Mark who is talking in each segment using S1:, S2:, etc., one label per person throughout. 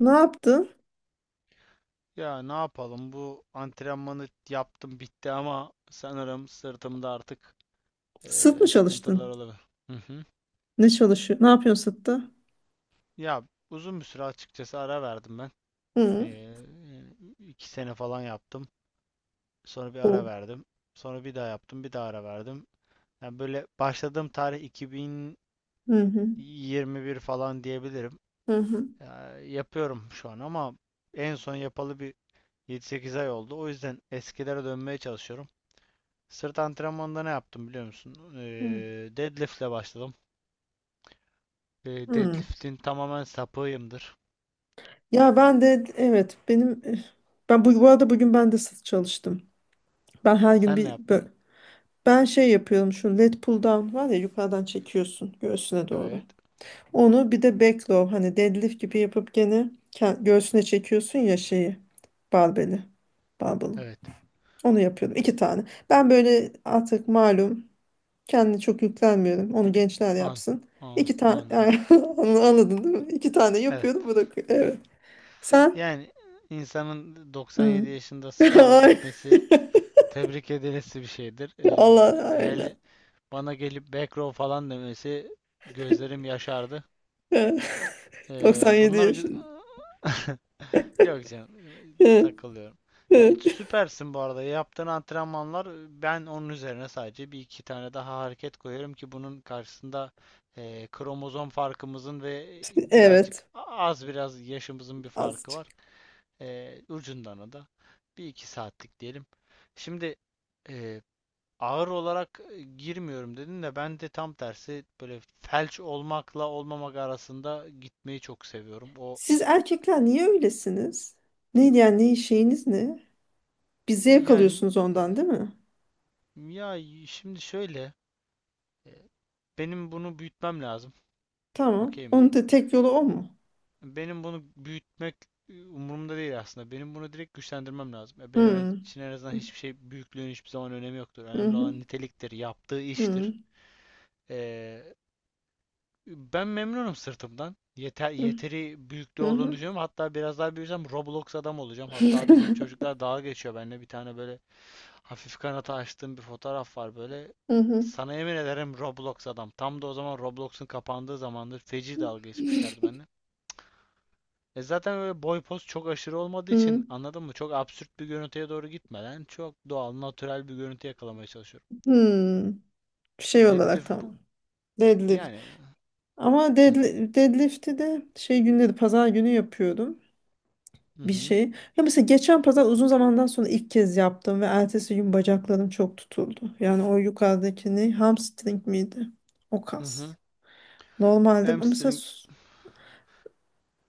S1: Ne yaptın?
S2: Ya ne yapalım, bu antrenmanı yaptım, bitti, ama sanırım sırtımda artık
S1: Sırt mı
S2: sıkıntılar
S1: çalıştın?
S2: olabilir. Hı hı.
S1: Ne çalışıyor? Ne yapıyorsun sırtta?
S2: Ya, uzun bir süre açıkçası ara verdim ben. Eee
S1: Hı.
S2: yani 2 sene falan yaptım. Sonra bir ara
S1: O.
S2: verdim. Sonra bir daha yaptım, bir daha ara verdim. Yani böyle başladığım tarih
S1: Hı hı.
S2: 2021 falan diyebilirim.
S1: Hı hı.
S2: Ya, yapıyorum şu an, ama en son yapalı bir 7-8 ay oldu. O yüzden eskilere dönmeye çalışıyorum. Sırt antrenmanında ne yaptım, biliyor musun?
S1: Hı.
S2: Deadlift'le başladım. Ee,
S1: Hı.
S2: deadlift'in tamamen sapığıyımdır.
S1: Ya ben de, evet, benim ben bu arada bugün ben de sırt çalıştım. Ben her gün
S2: Sen ne
S1: bir bö-
S2: yaptın?
S1: Ben şey yapıyorum, şu lat pull down var ya, yukarıdan çekiyorsun göğsüne doğru.
S2: Evet.
S1: Onu bir de back row, hani deadlift gibi yapıp gene göğsüne çekiyorsun ya, şeyi, barbeli. Barbeli.
S2: Evet.
S1: Onu yapıyordum. İki tane. Ben böyle artık, malum, kendine çok yüklenmiyorum. Onu gençler
S2: An,
S1: yapsın.
S2: an,
S1: İki tane
S2: anladım.
S1: yani, anladın değil mi? İki tane
S2: Evet.
S1: yapıyorum, bırakıyorum. Evet. Sen?
S2: Yani insanın
S1: Hmm.
S2: 97 yaşında spora
S1: Ay.
S2: gitmesi tebrik edilesi bir şeydir. Ee,
S1: Allah
S2: hele
S1: aynen.
S2: bana gelip back row falan demesi, gözlerim yaşardı.
S1: Evet.
S2: Ee,
S1: 97
S2: bunlar gü-
S1: yaşında.
S2: Yok canım,
S1: Evet.
S2: takılıyorum. Ya,
S1: Evet.
S2: süpersin bu arada. Yaptığın antrenmanlar, ben onun üzerine sadece bir iki tane daha hareket koyarım ki bunun karşısında kromozom farkımızın ve birazcık
S1: Evet.
S2: az, biraz yaşımızın bir farkı
S1: Azıcık.
S2: var. Ucundan o da bir iki saatlik diyelim. Şimdi e, ağır olarak girmiyorum dedin de, ben de tam tersi, böyle felç olmakla olmamak arasında gitmeyi çok seviyorum. O
S1: Siz erkekler niye öylesiniz? Neydi yani, ne şeyiniz ne? Bir zevk
S2: yani
S1: alıyorsunuz ondan, değil mi?
S2: Ya şimdi şöyle, e, benim bunu büyütmem lazım.
S1: Tamam.
S2: Okey mi?
S1: Onun da tek yolu o mu?
S2: Benim bunu büyütmek umurumda değil aslında. Benim bunu direkt güçlendirmem lazım. Benim
S1: Hmm.
S2: için en azından hiçbir şey, büyüklüğün hiçbir zaman önemi yoktur.
S1: Hı
S2: Önemli
S1: hı.
S2: olan niteliktir, yaptığı
S1: Hı hı.
S2: iştir. E, Ben memnunum sırtımdan. Yeter, yeteri büyüklüğü
S1: Hı
S2: olduğunu
S1: hı.
S2: düşünüyorum. Hatta biraz daha büyüsem Roblox adam olacağım. Hatta bizim çocuklar dalga geçiyor benimle. Bir tane böyle hafif kanata açtığım bir fotoğraf var böyle.
S1: Hı hı.
S2: Sana yemin ederim, Roblox adam. Tam da o zaman Roblox'un kapandığı zamandır, feci dalga geçmişlerdi benimle. Zaten böyle boy poz çok aşırı olmadığı için,
S1: Hı.
S2: anladın mı? Çok absürt bir görüntüye doğru gitmeden, çok doğal, natürel bir görüntü yakalamaya çalışıyorum.
S1: Hmm, şey olarak
S2: Dedif bu
S1: tamam. Deadlift.
S2: yani.
S1: Ama
S2: Hı hı.
S1: deadlift'i de şey günleri, pazar günü yapıyordum
S2: Hı
S1: bir
S2: hı.
S1: şey. Ya mesela geçen pazar, uzun zamandan sonra ilk kez yaptım ve ertesi gün bacaklarım çok tutuldu. Yani o yukarıdaki ne? Hamstring miydi? O
S2: Hı
S1: kas.
S2: hı.
S1: Normalde ama mesela
S2: Hamstring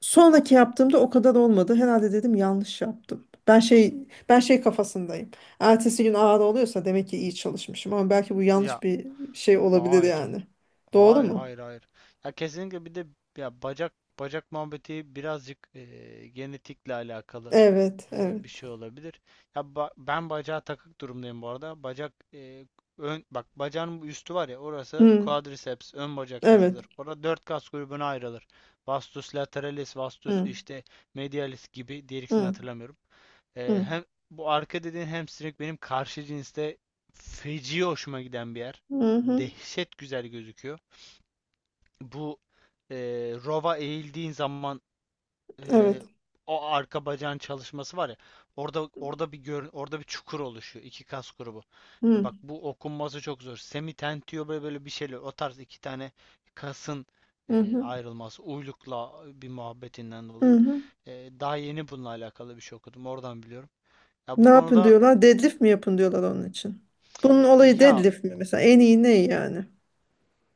S1: sonraki yaptığımda o kadar olmadı. Herhalde dedim yanlış yaptım. Ben şey kafasındayım. Ertesi gün ağrı oluyorsa demek ki iyi çalışmışım, ama belki bu yanlış
S2: ya.
S1: bir şey olabilir
S2: Hayır canım.
S1: yani. Doğru
S2: Hayır,
S1: mu?
S2: hayır, hayır. Ya kesinlikle, bir de ya bacak muhabbeti birazcık genetikle alakalı
S1: Evet, evet.
S2: bir şey olabilir. Ya, ben bacağa takık durumdayım bu arada. Bacak ön bak, bacağın bu üstü var ya, orası
S1: Hı,
S2: quadriceps, ön bacak
S1: evet.
S2: kasıdır. Orada dört kas grubuna ayrılır. Vastus lateralis, vastus
S1: Hı,
S2: işte medialis gibi, diğer ikisini
S1: hı,
S2: hatırlamıyorum. Ee,
S1: hı.
S2: hem bu arka dediğin hamstring, benim karşı cinste feci hoşuma giden bir yer.
S1: Hı hı,
S2: Dehşet güzel gözüküyor. Bu e, rova eğildiğin zaman e,
S1: evet.
S2: o arka bacağın çalışması var ya. Orada bir gör, orada bir çukur oluşuyor, iki kas grubu.
S1: Hı,
S2: Bak bu okunması çok zor. Semitentio, böyle böyle bir şeyler. O tarz iki tane kasın
S1: hı hı,
S2: ayrılması, uylukla bir muhabbetinden
S1: hı
S2: dolayı.
S1: hı.
S2: E, daha yeni bununla alakalı bir şey okudum. Oradan biliyorum. Ya
S1: Ne
S2: bu
S1: yapın
S2: konuda
S1: diyorlar? Deadlift mi yapın diyorlar onun için? Bunun olayı
S2: Ya
S1: deadlift mi mesela? En iyi ne yani?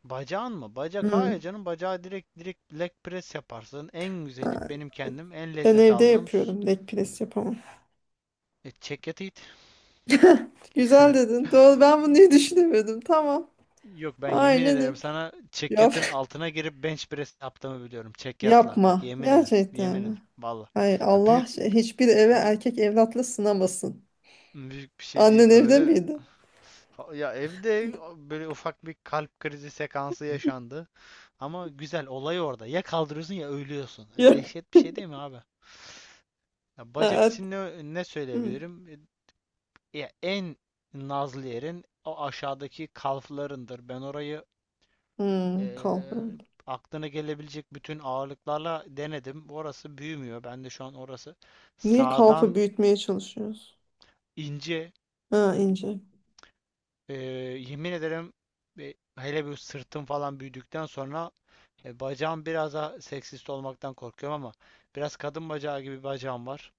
S2: bacağın mı? Bacak
S1: Hı.
S2: hayır canım. Bacağı direkt leg press yaparsın. En güzeli,
S1: Ha,
S2: benim kendim en
S1: ben
S2: lezzet
S1: evde
S2: aldığım,
S1: yapıyorum. Leg press yapamam.
S2: çekyatı it.
S1: Güzel dedin. Doğru. Ben bunu niye düşünemedim? Tamam.
S2: Yok, ben yemin
S1: Aynen öyle.
S2: ederim sana,
S1: Yap.
S2: çekyatın altına girip bench press yaptığımı biliyorum. Çekyatla. Bak,
S1: Yapma.
S2: yemin ederim.
S1: Gerçekten
S2: Yemin ederim.
S1: mi?
S2: Valla.
S1: Hay
S2: Ya,
S1: Allah, hiçbir eve
S2: bü-
S1: erkek evlatla sınamasın.
S2: büyük bir şey
S1: Annen
S2: değil
S1: evde
S2: böyle.
S1: miydi?
S2: Ya, evde böyle ufak bir kalp krizi sekansı yaşandı. Ama güzel olay orada. Ya kaldırıyorsun, ya ölüyorsun. E,
S1: Yok.
S2: dehşet bir şey, değil mi abi? Ya, bacak
S1: Evet.
S2: için ne
S1: Hı.
S2: söyleyebilirim? Ya en nazlı yerin o aşağıdaki kalflarındır. Ben orayı
S1: Hmm, kalfa.
S2: eee,
S1: Evet.
S2: aklına gelebilecek bütün ağırlıklarla denedim. Orası büyümüyor. Ben de şu an orası
S1: Niye kalfa
S2: sağdan
S1: büyütmeye çalışıyoruz?
S2: ince.
S1: Ha, ince.
S2: Eee, yemin ederim, hele bir sırtım falan büyüdükten sonra bacağım biraz daha, seksist olmaktan korkuyorum ama, biraz kadın bacağı gibi bir bacağım var.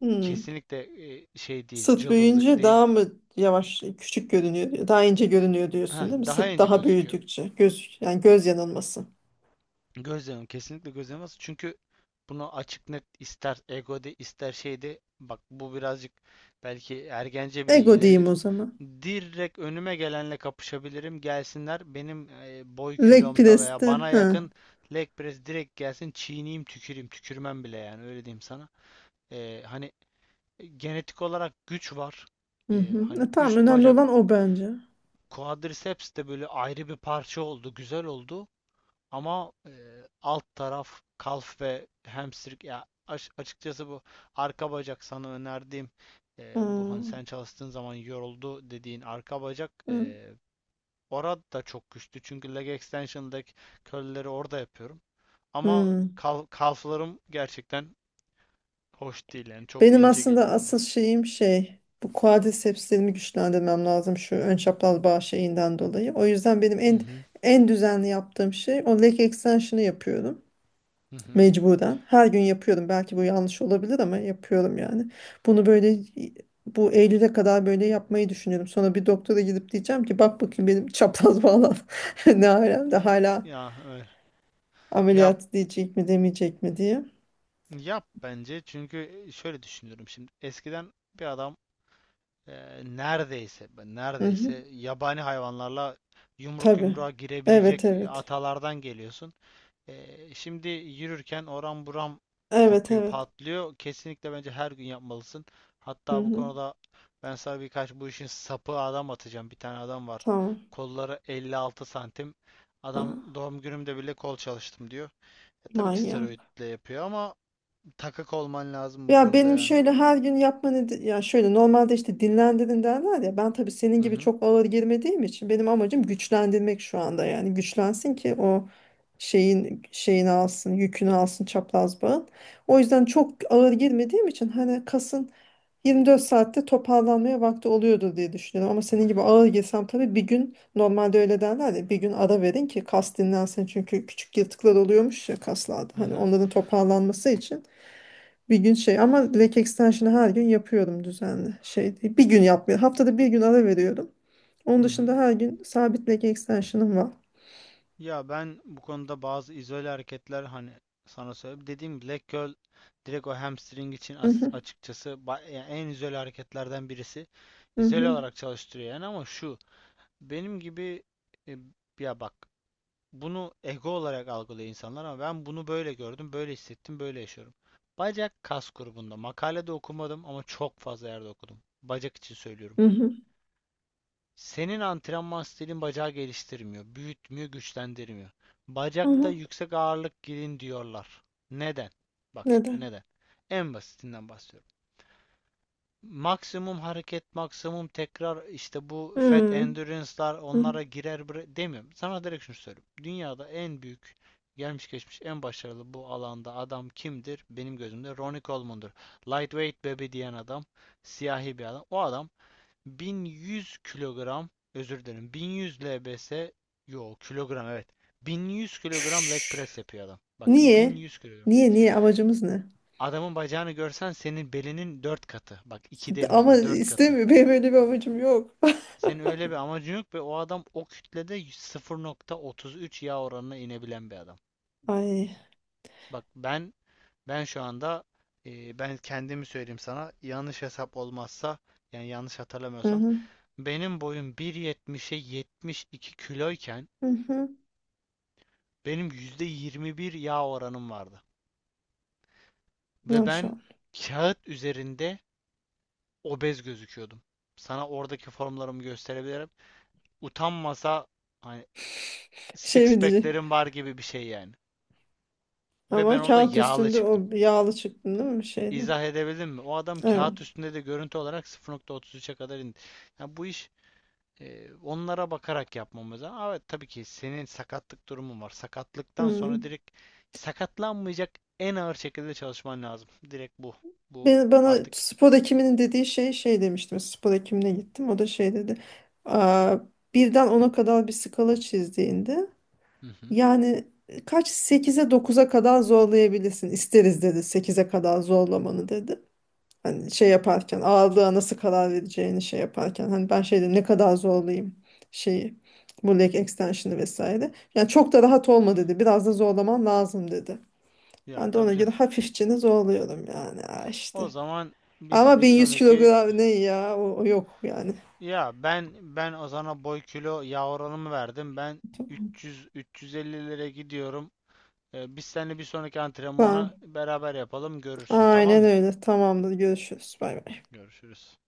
S1: Hmm.
S2: Kesinlikle şey değil,
S1: Sıt
S2: cılızlık
S1: büyüyünce
S2: değil.
S1: daha mı yavaş, küçük görünüyor, daha ince görünüyor diyorsun,
S2: Heh,
S1: değil mi?
S2: daha
S1: Sıt
S2: ince
S1: daha
S2: gözüküyor.
S1: büyüdükçe. Göz, yani göz yanılması.
S2: Gözlemim kesinlikle gözlemez. Çünkü bunu açık net, ister egode ister şeyde, bak bu birazcık belki ergence bile
S1: Ego diyeyim
S2: gelebilir.
S1: o zaman.
S2: Direkt önüme gelenle kapışabilirim. Gelsinler benim boy
S1: Leg
S2: kilomda veya
S1: press'te.
S2: bana
S1: Ha.
S2: yakın, leg press direkt gelsin, çiğneyim, tüküreyim, tükürmem bile yani, öyle diyeyim sana. Hani genetik olarak güç var.
S1: Hı
S2: E,
S1: hı.
S2: hani
S1: Tamam,
S2: üst
S1: önemli
S2: bacak,
S1: olan o bence.
S2: quadriceps de böyle ayrı bir parça oldu, güzel oldu. Ama alt taraf, kalf ve hamstring, ya açıkçası bu arka bacak sana önerdiğim, bu hani sen
S1: Ha.
S2: çalıştığın zaman yoruldu dediğin arka bacak,
S1: Hı.
S2: orada da çok güçlü. Çünkü leg extension'daki curl'leri orada yapıyorum. Ama
S1: Hı.
S2: kalflarım gerçekten hoş değil, yani çok
S1: Benim
S2: ince
S1: aslında
S2: geliyor
S1: asıl
S2: bana.
S1: şeyim şey, bu quadricepslerimi güçlendirmem lazım şu ön çapraz bağ şeyinden dolayı. O yüzden benim
S2: Hı
S1: en
S2: hı.
S1: en düzenli yaptığım şey o leg extension'ı yapıyorum
S2: Hı hı.
S1: mecburen. Her gün yapıyorum. Belki bu yanlış olabilir ama yapıyorum yani. Bunu böyle, bu Eylül'e kadar böyle yapmayı düşünüyorum. Sonra bir doktora gidip diyeceğim ki, bak bakayım benim çapraz bağlar ne alemde
S2: Ay,
S1: hala,
S2: ya öyle. Yap,
S1: ameliyat diyecek mi demeyecek mi diye.
S2: yap bence, çünkü şöyle düşünüyorum şimdi. Eskiden bir adam e, neredeyse,
S1: Hı
S2: neredeyse
S1: hı.
S2: yabani hayvanlarla yumruk
S1: Tabii.
S2: yumruğa
S1: Evet
S2: girebilecek
S1: evet.
S2: atalardan geliyorsun. Şimdi yürürken oram buram
S1: Evet
S2: kopuyor,
S1: evet.
S2: patlıyor. Kesinlikle bence her gün yapmalısın.
S1: Hı
S2: Hatta bu
S1: hı.
S2: konuda ben sana birkaç, bu işin sapı adam atacağım. Bir tane adam var.
S1: Tamam.
S2: Kolları 56 santim.
S1: Ha,
S2: Adam doğum günümde bile kol çalıştım diyor. Tabii ki
S1: manyak.
S2: steroidle yapıyor ama, takık olman lazım bu
S1: Ya
S2: konuda
S1: benim
S2: yani.
S1: şöyle her gün yapma ya şöyle, normalde işte dinlendirin derler ya, ben tabii senin
S2: Hı
S1: gibi
S2: hı.
S1: çok ağır girmediğim için, benim amacım güçlendirmek şu anda, yani güçlensin ki o şeyin şeyini alsın, yükünü alsın çapraz bağın. O yüzden çok ağır girmediğim için hani kasın 24 saatte toparlanmaya vakti oluyordur diye düşünüyorum. Ama senin gibi ağır girsem tabii bir gün, normalde öyle derler ya, bir gün ara verin ki kas dinlensin. Çünkü küçük yırtıklar oluyormuş ya kaslarda.
S2: Hı
S1: Hani
S2: hı.
S1: onların toparlanması için bir gün şey, ama leg extension'ı her gün yapıyorum düzenli. Şey değil, bir gün yapmıyorum. Haftada bir gün ara veriyorum. Onun
S2: Hı hı.
S1: dışında her gün sabit leg extension'ım var.
S2: Ya, ben bu konuda bazı izole hareketler hani sana söyleyeyim. Dediğim Black leg curl, direkt o hamstring için,
S1: Mhm,
S2: açıkçası, yani en izole hareketlerden birisi. İzole
S1: mhm,
S2: olarak çalıştırıyor yani. Ama şu, benim gibi, e, ya bak, bunu ego olarak algılıyor insanlar ama ben bunu böyle gördüm, böyle hissettim, böyle yaşıyorum. Bacak kas grubunda makalede okumadım ama çok fazla yerde okudum. Bacak için söylüyorum.
S1: mhm,
S2: Senin antrenman stilin bacağı geliştirmiyor, büyütmüyor, güçlendirmiyor. Bacakta
S1: mhm.
S2: yüksek ağırlık girin diyorlar. Neden? Bak, şimdi
S1: Neden?
S2: neden? En basitinden bahsediyorum. Maksimum hareket, maksimum tekrar, işte bu fat
S1: Hmm,
S2: endurance'lar onlara
S1: mhm.
S2: girer demiyorum. Sana direkt şunu söylüyorum. Dünyada en büyük, gelmiş geçmiş en başarılı bu alanda adam kimdir? Benim gözümde Ronnie Coleman'dır. Lightweight baby diyen adam, siyahi bir adam. O adam 1100 kilogram, özür dilerim, 1100 lbs, yo, kilogram, evet, 1100 kilogram leg
S1: Çüş.
S2: press yapıyor adam. Bak,
S1: Niye?
S2: 1100 kilogram.
S1: Niye amacımız ne?
S2: Adamın bacağını görsen, senin belinin 4 katı. Bak, 2
S1: Ama
S2: demiyorum, 4 katı.
S1: istemiyor. Benim öyle bir amacım yok.
S2: Senin öyle bir amacın yok, ve o adam o kütlede 0.33 yağ oranına inebilen bir adam.
S1: Ay.
S2: Bak ben şu anda, ben kendimi söyleyeyim sana, yanlış hesap olmazsa, yani yanlış
S1: Hı
S2: hatırlamıyorsam,
S1: hı.
S2: benim boyum 1.70'e 72 kiloyken,
S1: Hı hı.
S2: benim %21 yağ oranım vardı. Ve ben
S1: Maşallah.
S2: kağıt üzerinde obez gözüküyordum. Sana oradaki formlarımı gösterebilirim. Utanmasa hani,
S1: Şey
S2: six
S1: mi diyecek?
S2: pack'lerim var gibi bir şey yani. Ve ben
S1: Ama
S2: orada
S1: kağıt
S2: yağlı
S1: üstünde
S2: çıktım.
S1: o yağlı çıktın değil mi, şeyde?
S2: İzah edebildim mi? O adam
S1: Evet.
S2: kağıt üstünde de görüntü olarak 0.33'e kadar indi. Yani bu iş onlara bakarak yapmamız lazım. Ama tabii ki senin sakatlık durumun var. Sakatlıktan
S1: Hı.
S2: sonra direkt, sakatlanmayacak en ağır şekilde çalışman lazım. Direkt bu. Bu
S1: Bana
S2: artık.
S1: spor hekiminin dediği şey demiştim. Spor hekimine gittim. O da şey dedi. Aa, birden 10'a kadar bir skala çizdiğinde
S2: Hı hı.
S1: yani, kaç sekize dokuza kadar zorlayabilirsin. İsteriz dedi, sekize kadar zorlamanı dedi. Hani şey yaparken ağırlığa nasıl karar vereceğini, şey yaparken, hani ben şeyde ne kadar zorlayayım, şeyi, bu leg extension'ı vesaire. Yani çok da rahat olma dedi. Biraz da zorlaman lazım dedi.
S2: Ya
S1: Ben de
S2: tabii
S1: ona
S2: canım.
S1: göre hafifçe zorluyorum yani, ha
S2: O
S1: işte.
S2: zaman biz
S1: Ama
S2: bir
S1: 1100
S2: sonraki
S1: kilogram ne ya, o yok yani.
S2: ya ben ben Ozan'a boy, kilo, yağ oranımı verdim. Ben 300 350'lere gidiyorum. Biz seninle bir sonraki antrenmanı
S1: Tamam.
S2: beraber yapalım. Görürsün, tamam
S1: Aynen
S2: mı?
S1: öyle. Tamamdır. Görüşürüz. Bay bay.
S2: Görüşürüz.